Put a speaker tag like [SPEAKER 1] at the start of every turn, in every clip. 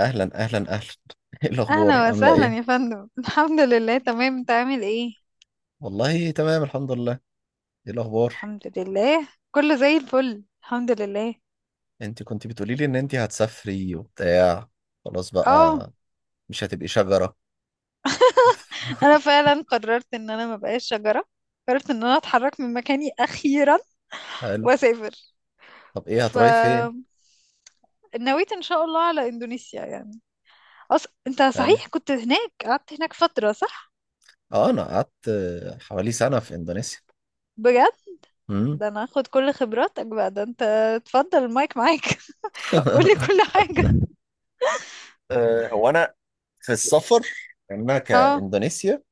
[SPEAKER 1] اهلا اهلا اهلا. ايه الاخبار
[SPEAKER 2] اهلا
[SPEAKER 1] عامله
[SPEAKER 2] وسهلا
[SPEAKER 1] ايه؟
[SPEAKER 2] يا فندم، الحمد لله تمام، انت عامل ايه؟
[SPEAKER 1] والله تمام الحمد لله. ايه الاخبار؟
[SPEAKER 2] الحمد لله، كله زي الفل، الحمد لله.
[SPEAKER 1] انت كنت بتقولي لي ان انت هتسافري وبتاع. خلاص
[SPEAKER 2] اه،
[SPEAKER 1] بقى، مش هتبقي شجره.
[SPEAKER 2] انا فعلا قررت ان انا ما بقاش شجره. قررت ان انا اتحرك من مكاني اخيرا،
[SPEAKER 1] حلو.
[SPEAKER 2] واسافر.
[SPEAKER 1] طب ايه
[SPEAKER 2] ف
[SPEAKER 1] هتروحي فين؟
[SPEAKER 2] نويت ان شاء الله على اندونيسيا يعني. انت
[SPEAKER 1] حلو.
[SPEAKER 2] صحيح كنت هناك، قعدت هناك فتره صح؟
[SPEAKER 1] اه انا قعدت حوالي سنه في اندونيسيا.
[SPEAKER 2] بجد؟
[SPEAKER 1] مم.
[SPEAKER 2] ده انا هاخد كل خبراتك بقى، ده انت اتفضل المايك معاك. قولي كل حاجه.
[SPEAKER 1] هو انا في السفر، يعني انا كاندونيسيا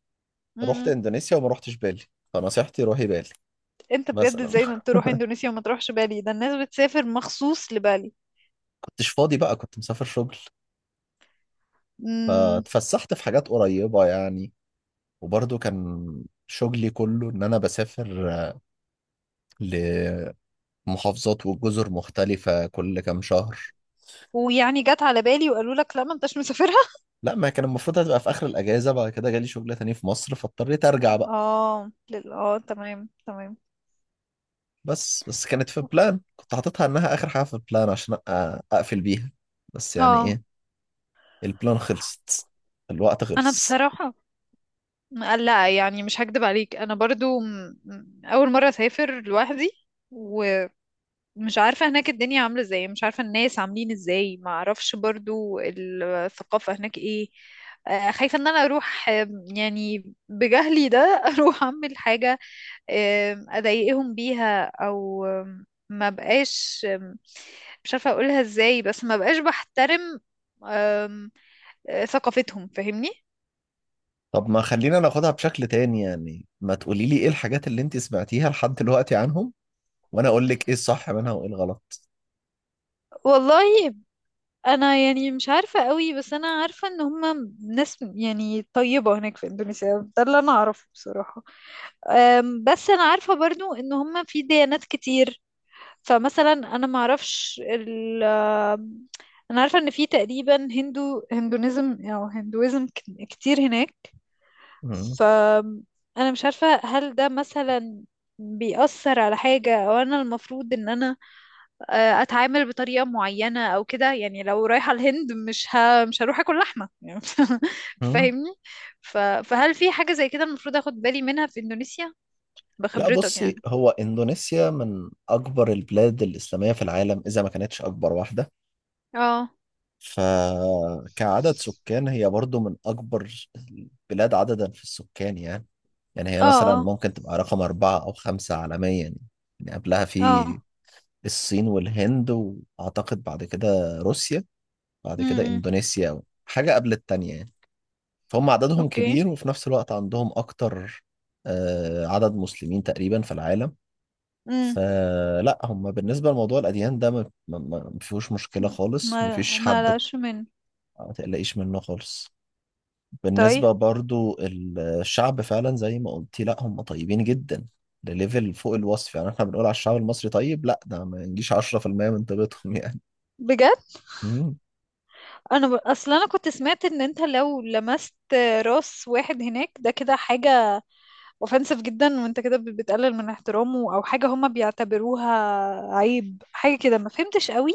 [SPEAKER 1] رحت
[SPEAKER 2] اه،
[SPEAKER 1] اندونيسيا وما رحتش بالي، فنصيحتي روحي بالي
[SPEAKER 2] انت بجد
[SPEAKER 1] مثلا.
[SPEAKER 2] ازاي ما تروح اندونيسيا وما تروحش بالي؟ ده الناس بتسافر مخصوص لبالي.
[SPEAKER 1] كنتش فاضي بقى، كنت مسافر شغل،
[SPEAKER 2] امم.
[SPEAKER 1] فتفسحت في حاجات قريبه يعني. وبرضه كان شغلي كله إن أنا بسافر لمحافظات وجزر مختلفة كل كام شهر.
[SPEAKER 2] ويعني جت على بالي وقالوا لك لا ما انتش مسافرها؟
[SPEAKER 1] لا، ما كان المفروض، هتبقى في آخر الأجازة. بعد كده جالي شغل تاني في مصر فاضطريت أرجع بقى.
[SPEAKER 2] اه، اه، تمام تمام.
[SPEAKER 1] بس كانت في بلان، كنت حاططها إنها آخر حاجة في البلان عشان أقفل بيها. بس يعني
[SPEAKER 2] اه،
[SPEAKER 1] إيه، البلان خلصت، الوقت
[SPEAKER 2] انا
[SPEAKER 1] خلص.
[SPEAKER 2] بصراحة، لا يعني مش هكدب عليك، انا برضو اول مرة اسافر لوحدي. ومش عارفة هناك الدنيا عاملة ازاي، مش عارفة الناس عاملين ازاي، ما اعرفش برضو الثقافة هناك ايه. خايفة ان انا اروح، يعني بجهلي ده، اروح اعمل حاجة، اضايقهم بيها او ما بقاش، مش عارفة اقولها ازاي، بس ما بقاش بحترم آم، ثقافتهم، فاهمني؟
[SPEAKER 1] طب ما خلينا ناخدها بشكل تاني، يعني ما تقولي لي إيه الحاجات اللي أنت سمعتيها لحد دلوقتي عنهم وأنا أقول لك إيه الصح منها وإيه الغلط.
[SPEAKER 2] والله، انا يعني مش عارفه قوي، بس انا عارفه ان هم ناس يعني طيبه هناك في اندونيسيا، ده اللي انا اعرفه بصراحه. بس انا عارفه برضو ان هم في ديانات كتير. فمثلا انا ما اعرفش ال أم، انا عارفه ان في تقريبا هندونيزم او هندويزم كتير هناك.
[SPEAKER 1] مم.
[SPEAKER 2] ف انا مش عارفة هل ده مثلا بيأثر على حاجة، او انا المفروض ان انا اتعامل بطريقة معينة او كده، يعني لو رايحة الهند مش هروح اكل لحمة يعني.
[SPEAKER 1] مم.
[SPEAKER 2] فاهمني؟ فهل في حاجة زي كده المفروض اخد بالي منها في اندونيسيا،
[SPEAKER 1] لا
[SPEAKER 2] بخبرتك
[SPEAKER 1] بصي،
[SPEAKER 2] يعني؟
[SPEAKER 1] هو إندونيسيا من أكبر البلاد الإسلامية في العالم، إذا ما كانتش أكبر واحدة.
[SPEAKER 2] اه.
[SPEAKER 1] فكعدد سكان هي برضو من أكبر البلاد عددا في السكان يعني. يعني هي
[SPEAKER 2] اه.
[SPEAKER 1] مثلا
[SPEAKER 2] اه.
[SPEAKER 1] ممكن تبقى رقم أربعة أو خمسة عالميا يعني. يعني قبلها
[SPEAKER 2] اه.
[SPEAKER 1] في الصين والهند، وأعتقد بعد كده روسيا، بعد كده
[SPEAKER 2] امم.
[SPEAKER 1] إندونيسيا حاجة قبل التانية يعني. فهم عددهم
[SPEAKER 2] اوكي.
[SPEAKER 1] كبير، وفي نفس الوقت عندهم أكتر عدد مسلمين تقريبا في العالم.
[SPEAKER 2] امم.
[SPEAKER 1] فلا هم بالنسبة لموضوع الأديان ده ما فيهوش مشكلة خالص،
[SPEAKER 2] ما
[SPEAKER 1] ما فيش
[SPEAKER 2] ما
[SPEAKER 1] حد
[SPEAKER 2] لاش من.
[SPEAKER 1] ما تقلقيش منه خالص.
[SPEAKER 2] طيب.
[SPEAKER 1] بالنسبة برضو الشعب فعلا زي ما قلتي، لا هم طيبين جدا، لليفل فوق الوصف. يعني احنا بنقول على الشعب المصري طيب، لا ده ما ينجيش 10% من طيبتهم يعني.
[SPEAKER 2] بجد.
[SPEAKER 1] مم.
[SPEAKER 2] انا اصل انا كنت سمعت ان انت لو لمست راس واحد هناك، ده كده حاجة اوفensive جدا، وانت كده بتقلل من احترامه، او حاجة هما بيعتبروها عيب، حاجة كده ما فهمتش قوي.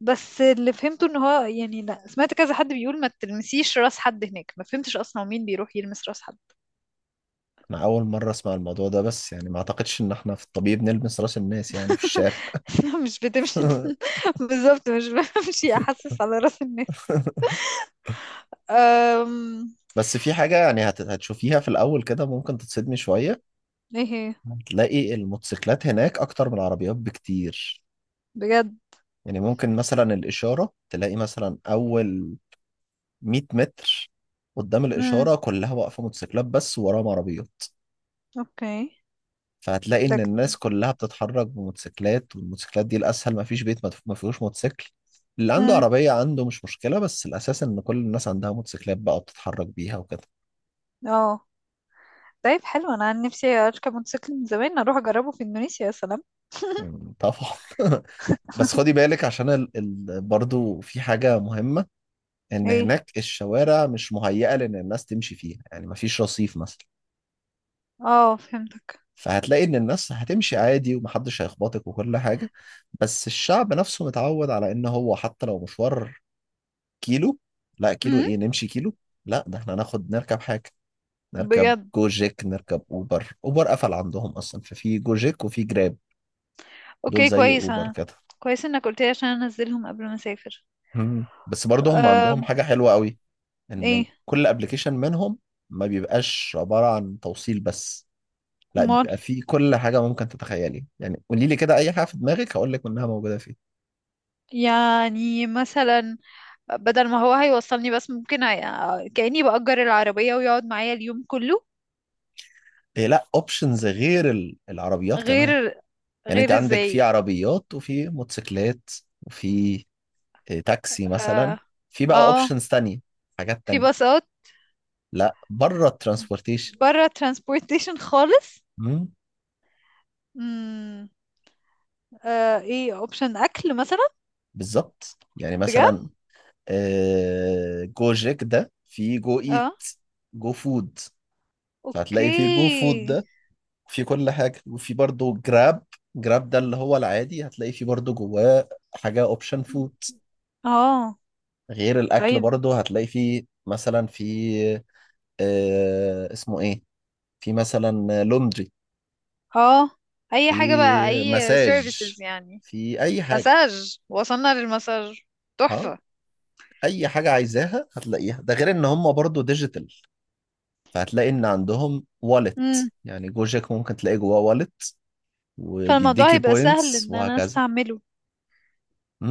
[SPEAKER 2] بس اللي فهمته ان هو يعني، لا سمعت كذا حد بيقول ما تلمسيش راس حد هناك، ما فهمتش اصلا مين بيروح يلمس راس حد.
[SPEAKER 1] أنا أول مرة أسمع الموضوع ده، بس يعني ما أعتقدش إن احنا في الطبيعي بنلمس راس الناس يعني في الشارع.
[SPEAKER 2] مش بتمشي. بالظبط، مش بمشي احسس على راس الناس. أم...
[SPEAKER 1] بس في حاجة يعني هتشوفيها في الأول كده، ممكن تتصدمي شوية.
[SPEAKER 2] ايه هي؟
[SPEAKER 1] هتلاقي الموتوسيكلات هناك أكتر من العربيات بكتير.
[SPEAKER 2] بجد؟
[SPEAKER 1] يعني ممكن مثلا الإشارة تلاقي مثلا أول 100 متر قدام
[SPEAKER 2] امم.
[SPEAKER 1] الإشارة كلها واقفة موتوسيكلات بس، ووراهم عربيات.
[SPEAKER 2] اوكي.
[SPEAKER 1] فهتلاقي
[SPEAKER 2] ده
[SPEAKER 1] إن الناس كلها بتتحرك بموتوسيكلات، والموتوسيكلات دي الأسهل، مفيش بيت ما فيهوش موتوسيكل. اللي عنده
[SPEAKER 2] امم.
[SPEAKER 1] عربية عنده، مش مشكلة، بس الأساس إن كل الناس عندها موتوسيكلات بقى وبتتحرك بيها وكده.
[SPEAKER 2] اه. طيب، حلو، انا عن نفسي اركب موتوسيكل من زمان، اروح اجربه في اندونيسيا يا سلام.
[SPEAKER 1] مم، طبعا. بس خدي بالك عشان برضو في حاجة مهمة، ان
[SPEAKER 2] ايه.
[SPEAKER 1] هناك الشوارع مش مهيئه لان الناس تمشي فيها، يعني مفيش رصيف مثلا.
[SPEAKER 2] اه، فهمتك.
[SPEAKER 1] فهتلاقي ان الناس هتمشي عادي ومحدش هيخبطك وكل حاجه. بس الشعب نفسه متعود على ان هو حتى لو مشوار كيلو، لا كيلو
[SPEAKER 2] امم.
[SPEAKER 1] ايه نمشي كيلو، لا ده احنا ناخد نركب حاجه. نركب
[SPEAKER 2] بجد؟
[SPEAKER 1] جوجيك، نركب اوبر. اوبر قفل عندهم اصلا، ففي جوجيك وفي جراب، دول
[SPEAKER 2] اوكي،
[SPEAKER 1] زي
[SPEAKER 2] كويس،
[SPEAKER 1] اوبر
[SPEAKER 2] انا
[SPEAKER 1] كده.
[SPEAKER 2] كويس انك قلت لي عشان انزلهم قبل ما اسافر.
[SPEAKER 1] مم. بس برضه هم عندهم
[SPEAKER 2] أم...
[SPEAKER 1] حاجه حلوه قوي، ان
[SPEAKER 2] ايه.
[SPEAKER 1] كل ابلكيشن منهم ما بيبقاش عباره عن توصيل بس، لا
[SPEAKER 2] امال،
[SPEAKER 1] بيبقى فيه كل حاجة ممكن تتخيلي. يعني قولي لي كده أي حاجة في دماغك هقول لك إنها موجودة فيه.
[SPEAKER 2] يعني مثلا بدل ما هو هيوصلني بس ممكن كأني بأجر العربية ويقعد معايا اليوم كله؟
[SPEAKER 1] إيه، لا أوبشنز غير العربيات كمان.
[SPEAKER 2] غير.
[SPEAKER 1] يعني أنت
[SPEAKER 2] غير
[SPEAKER 1] عندك في
[SPEAKER 2] ازاي
[SPEAKER 1] عربيات وفي موتوسيكلات وفي إيه، تاكسي مثلا.
[SPEAKER 2] اه.
[SPEAKER 1] في بقى
[SPEAKER 2] آه،
[SPEAKER 1] أوبشنز تانية، حاجات
[SPEAKER 2] في
[SPEAKER 1] تانية.
[SPEAKER 2] باصات؟
[SPEAKER 1] لا، بره الترانسبورتيشن.
[SPEAKER 2] بره ترانسبورتيشن خالص.
[SPEAKER 1] مم،
[SPEAKER 2] امم. ايه اوبشن اكل مثلا؟
[SPEAKER 1] بالظبط. يعني
[SPEAKER 2] بجد؟
[SPEAKER 1] مثلا جو جيك ده، في جو إيت،
[SPEAKER 2] اه.
[SPEAKER 1] جو فود. فهتلاقي في جو فود
[SPEAKER 2] اوكي.
[SPEAKER 1] ده في كل حاجة، وفي برضه جراب. جراب ده اللي هو العادي، هتلاقي فيه برضه جواه حاجة اوبشن فود.
[SPEAKER 2] اه.
[SPEAKER 1] غير الأكل
[SPEAKER 2] طيب.
[SPEAKER 1] برضه هتلاقي فيه مثلا، في آه اسمه ايه، في مثلا لوندري،
[SPEAKER 2] اه. اي حاجة بقى،
[SPEAKER 1] في
[SPEAKER 2] اي
[SPEAKER 1] مساج،
[SPEAKER 2] سيرفيسز يعني.
[SPEAKER 1] في أي حاجة.
[SPEAKER 2] مساج، وصلنا للمساج،
[SPEAKER 1] ها،
[SPEAKER 2] تحفة.
[SPEAKER 1] أي حاجة عايزاها هتلاقيها. ده غير إن هم برضه ديجيتال، فهتلاقي إن عندهم والت.
[SPEAKER 2] امم.
[SPEAKER 1] يعني جوجك ممكن تلاقي جواه والت
[SPEAKER 2] فالموضوع
[SPEAKER 1] وبيديكي
[SPEAKER 2] هيبقى سهل
[SPEAKER 1] بوينتس
[SPEAKER 2] ان انا
[SPEAKER 1] وهكذا.
[SPEAKER 2] استعمله.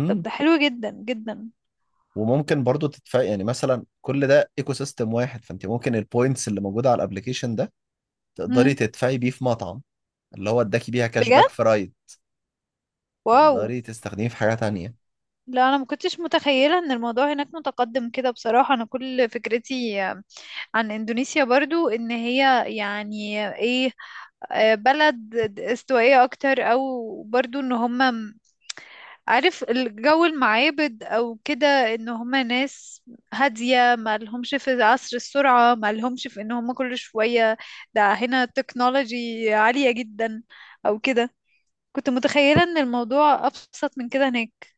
[SPEAKER 2] طب ده حلو جدا جدا.
[SPEAKER 1] وممكن برضو تدفع، يعني مثلا كل ده ايكو سيستم واحد، فانت ممكن البوينتس اللي موجوده على الابلكيشن ده تقدري
[SPEAKER 2] امم.
[SPEAKER 1] تدفعي بيه في مطعم، اللي هو اداكي بيها كاش باك في
[SPEAKER 2] بجد؟
[SPEAKER 1] رايد،
[SPEAKER 2] واو.
[SPEAKER 1] تقدري تستخدميه في حاجه تانية.
[SPEAKER 2] لا، انا ما كنتش متخيلة ان الموضوع هناك متقدم كده بصراحة، انا كل فكرتي عن اندونيسيا برضو ان هي يعني ايه، بلد استوائية أكتر، أو برضو إن هما عارف، الجو، المعابد، أو كده، إن هما ناس هادية، ما لهمش في عصر السرعة، ما لهمش في إن هما كل شوية ده هنا تكنولوجي عالية جدا، أو كده. كنت متخيلة إن الموضوع أبسط من كده هناك،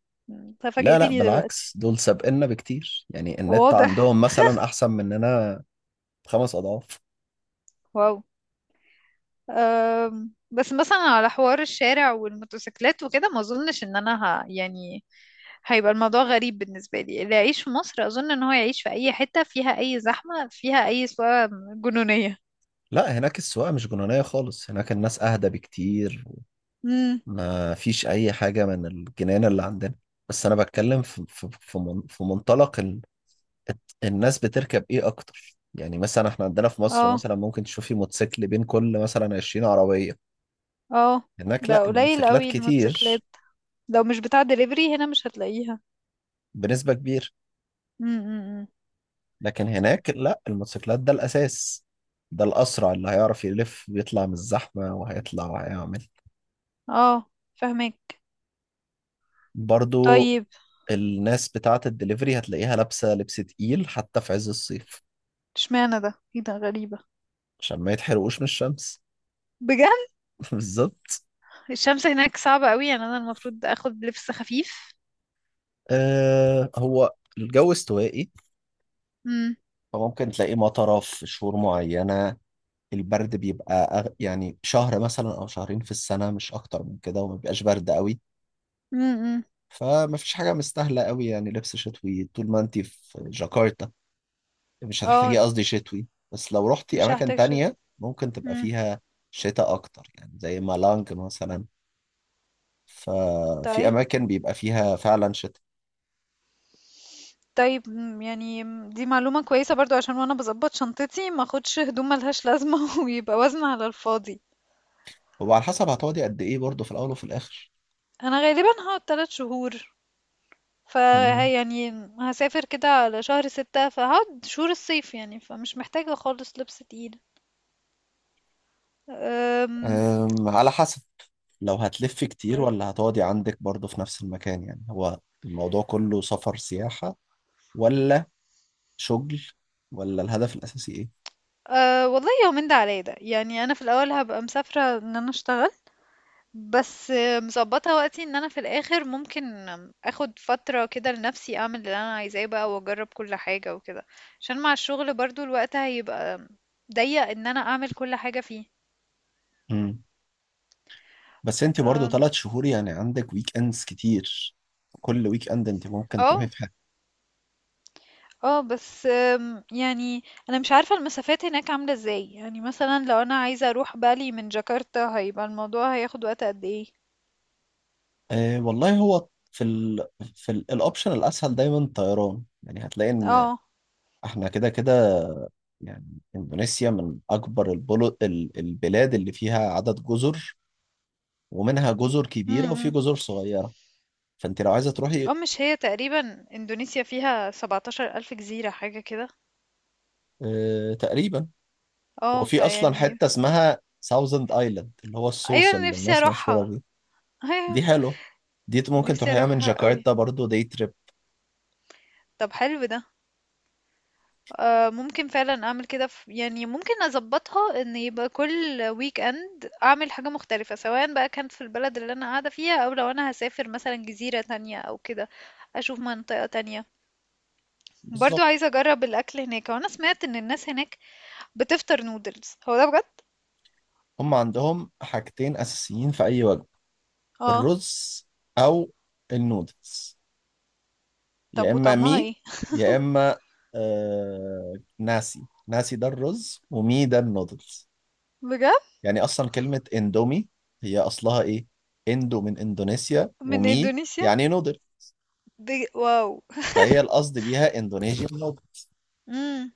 [SPEAKER 1] لا
[SPEAKER 2] ففاجأتني
[SPEAKER 1] بالعكس،
[SPEAKER 2] دلوقتي.
[SPEAKER 1] دول سابقنا بكتير، يعني النت
[SPEAKER 2] واضح.
[SPEAKER 1] عندهم مثلا احسن مننا خمس اضعاف.
[SPEAKER 2] واو. بس مثلا على حوار الشارع والموتوسيكلات وكده، ما اظنش ان انا يعني هيبقى الموضوع غريب بالنسبة لي، اللي يعيش في مصر اظن ان هو يعيش في اي حتة فيها اي زحمة فيها اي سواقة جنونية.
[SPEAKER 1] لا هناك السواقه مش جنونيه خالص، هناك الناس اهدى بكتير،
[SPEAKER 2] امم.
[SPEAKER 1] ما فيش اي حاجه من الجنان اللي عندنا. بس انا بتكلم في منطلق الناس بتركب ايه اكتر. يعني مثلا احنا عندنا في مصر
[SPEAKER 2] اه.
[SPEAKER 1] مثلا ممكن تشوفي موتوسيكل بين كل مثلا 20 عربية.
[SPEAKER 2] اه.
[SPEAKER 1] هناك لا
[SPEAKER 2] ده قليل
[SPEAKER 1] الموتوسيكلات
[SPEAKER 2] قوي
[SPEAKER 1] كتير
[SPEAKER 2] الموتوسيكلات، لو مش بتاع دليفري هنا مش هتلاقيها.
[SPEAKER 1] بنسبة كبيرة.
[SPEAKER 2] امم.
[SPEAKER 1] لكن هناك لا الموتوسيكلات ده الأساس، ده الأسرع اللي هيعرف يلف ويطلع من الزحمة وهيطلع وهيعمل.
[SPEAKER 2] اه، فهمك.
[SPEAKER 1] برضو
[SPEAKER 2] طيب،
[SPEAKER 1] الناس بتاعة الدليفري هتلاقيها لابسة لبس تقيل حتى في عز الصيف،
[SPEAKER 2] اشمعنى ده؟ ايه ده غريبة.
[SPEAKER 1] عشان ما يتحرقوش من الشمس.
[SPEAKER 2] بجد؟
[SPEAKER 1] بالظبط.
[SPEAKER 2] الشمس هناك صعبة قوي، يعني انا المفروض اخد لبس خفيف.
[SPEAKER 1] آه هو الجو استوائي،
[SPEAKER 2] امم.
[SPEAKER 1] فممكن تلاقيه مطرة في شهور معينة. البرد بيبقى يعني شهر مثلا او شهرين في السنه، مش اكتر من كده، وما بيبقاش برد قوي.
[SPEAKER 2] امم.
[SPEAKER 1] فما فيش حاجه مستاهله قوي يعني لبس شتوي طول ما انت في جاكرتا. مش هتحتاجي،
[SPEAKER 2] اه،
[SPEAKER 1] قصدي شتوي، بس لو رحتي
[SPEAKER 2] مش
[SPEAKER 1] اماكن
[SPEAKER 2] هحتاج
[SPEAKER 1] تانية ممكن تبقى
[SPEAKER 2] مم.
[SPEAKER 1] فيها شتاء اكتر، يعني زي مالانج مثلا، ففي
[SPEAKER 2] طيب.
[SPEAKER 1] اماكن بيبقى فيها فعلا شتاء.
[SPEAKER 2] طيب. يعني دي معلومة كويسة برضو، عشان وانا بظبط شنطتي ما اخدش هدوم ملهاش لازمة، ويبقى وزن على الفاضي.
[SPEAKER 1] وعلى حسب هتقعدي قد ايه برضه في الاول وفي الاخر.
[SPEAKER 2] انا غالبا هقعد تلات شهور. ف يعني هسافر كده على شهر ستة، فهقعد شهور الصيف يعني، فمش محتاجة خالص لبس تقيل. أم...
[SPEAKER 1] أم، على حسب، لو هتلف كتير
[SPEAKER 2] برد-
[SPEAKER 1] ولا هتقعدي عندك برضه في نفس المكان. يعني هو الموضوع كله سفر سياحة ولا شغل، ولا الهدف الأساسي إيه؟
[SPEAKER 2] أه، والله يومين ده عليا، ده يعني انا في الاول هبقى مسافرة ان انا اشتغل، بس مضبطة وقتي ان انا في الاخر ممكن اخد فترة كده لنفسي اعمل اللي انا عايزاه بقى، واجرب كل حاجة وكده، عشان مع الشغل برضو الوقت هيبقى ضيق ان انا اعمل كل حاجة فيه.
[SPEAKER 1] مم. بس أنت
[SPEAKER 2] ف
[SPEAKER 1] برضه ثلاث شهور، يعني عندك ويك أندز كتير، كل ويك أند أنت ممكن تروحي
[SPEAKER 2] اه.
[SPEAKER 1] في حاجة.
[SPEAKER 2] اه. بس يعني انا مش عارفة المسافات هناك عاملة ازاي، يعني مثلا لو انا عايزة اروح بالي من جاكرتا هيبقى الموضوع هياخد وقت قد ايه؟
[SPEAKER 1] أه والله، هو في ال، في الأوبشن الأسهل دايما طيران. يعني هتلاقي إن
[SPEAKER 2] اه.
[SPEAKER 1] إحنا كده كده، يعني إندونيسيا من أكبر البلاد اللي فيها عدد جزر، ومنها جزر كبيرة وفي
[SPEAKER 2] امم.
[SPEAKER 1] جزر صغيرة. فأنت لو عايزة تروحي،
[SPEAKER 2] اه، مش هي تقريبا اندونيسيا فيها 17 الف جزيرة حاجة كده؟
[SPEAKER 1] تقريبا.
[SPEAKER 2] اه،
[SPEAKER 1] وفي أصلا
[SPEAKER 2] فيعني.
[SPEAKER 1] حتة اسمها ساوزند آيلاند، اللي هو
[SPEAKER 2] أيوه،
[SPEAKER 1] الصوص
[SPEAKER 2] أنا
[SPEAKER 1] اللي
[SPEAKER 2] نفسي
[SPEAKER 1] الناس مشهورة
[SPEAKER 2] أروحها.
[SPEAKER 1] بيه.
[SPEAKER 2] أيوه،
[SPEAKER 1] دي حلوة، دي ممكن
[SPEAKER 2] نفسي
[SPEAKER 1] تروحيها من
[SPEAKER 2] أروحها أوي.
[SPEAKER 1] جاكرتا برضو، دي تريب.
[SPEAKER 2] طب حلو ده. آه، ممكن فعلا أعمل كده في، يعني ممكن أظبطها إن يبقى كل ويك أند أعمل حاجة مختلفة، سواء بقى كانت في البلد اللي أنا قاعدة فيها أو لو أنا هسافر مثلا جزيرة تانية أو كده، أشوف منطقة تانية. برضو
[SPEAKER 1] بالظبط.
[SPEAKER 2] عايزة أجرب الأكل هناك، وأنا سمعت إن الناس هناك بتفطر نودلز، هو ده بجد؟
[SPEAKER 1] هم عندهم حاجتين أساسيين في أي وجبة،
[SPEAKER 2] اه.
[SPEAKER 1] الرز أو النودلز، يا
[SPEAKER 2] طب
[SPEAKER 1] إما
[SPEAKER 2] وطعمها
[SPEAKER 1] مي
[SPEAKER 2] ايه؟
[SPEAKER 1] يا إما آه ناسي. ناسي ده الرز ومي ده النودلز.
[SPEAKER 2] بجد؟
[SPEAKER 1] يعني اصلا كلمه اندومي هي اصلها ايه، اندو من اندونيسيا
[SPEAKER 2] من
[SPEAKER 1] ومي
[SPEAKER 2] إندونيسيا؟
[SPEAKER 1] يعني نودل.
[SPEAKER 2] واو.
[SPEAKER 1] فهي القصد بيها اندونيسيا نودل.
[SPEAKER 2] مم.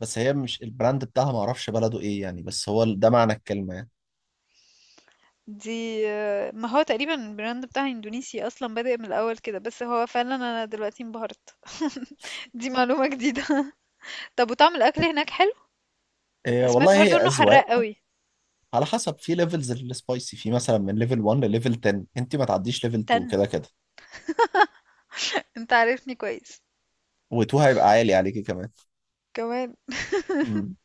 [SPEAKER 1] بس هي مش البراند بتاعها، ما اعرفش بلده ايه يعني، بس هو ال، ده معنى الكلمه يعني.
[SPEAKER 2] دي ما هو تقريبا البراند بتاع اندونيسي اصلا بادئ من الاول كده، بس هو فعلا انا دلوقتي انبهرت. دي معلومة جديدة. طب وطعم الاكل هناك حلو؟
[SPEAKER 1] إيه والله
[SPEAKER 2] سمعت
[SPEAKER 1] هي
[SPEAKER 2] برضو انه
[SPEAKER 1] اذواق.
[SPEAKER 2] حراق قوي.
[SPEAKER 1] على حسب، في ليفلز للسبايسي، في مثلا من ليفل 1 لليفل 10، انت ما تعديش ليفل 2 كده
[SPEAKER 2] تن،
[SPEAKER 1] كده،
[SPEAKER 2] انت عارفني كويس.
[SPEAKER 1] و2 هيبقى عالي عليكي كمان.
[SPEAKER 2] كمان.
[SPEAKER 1] مم.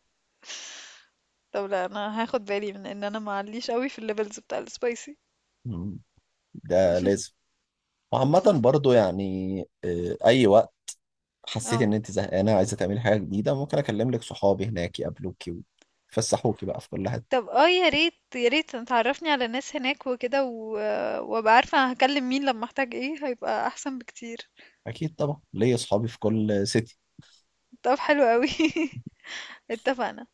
[SPEAKER 2] طب لا، انا هاخد بالي من ان انا معليش قوي في الليفلز بتاع السبايسي.
[SPEAKER 1] مم. ده لازم. وعامة برضو يعني أي حسيتي
[SPEAKER 2] اه.
[SPEAKER 1] ان انت زهقانه وعايزه تعملي حاجه جديده، ممكن اكلم لك صحابي هناك يقابلوكي ويفسحوكي بقى في كل حته.
[SPEAKER 2] طب، اه، يا ريت يا ريت تعرفني على ناس هناك وكده وابقى عارفة هكلم مين لما احتاج ايه، هيبقى احسن بكتير.
[SPEAKER 1] اكيد طبعا، ليا صحابي في كل سيتي.
[SPEAKER 2] طب حلو قوي. اتفقنا.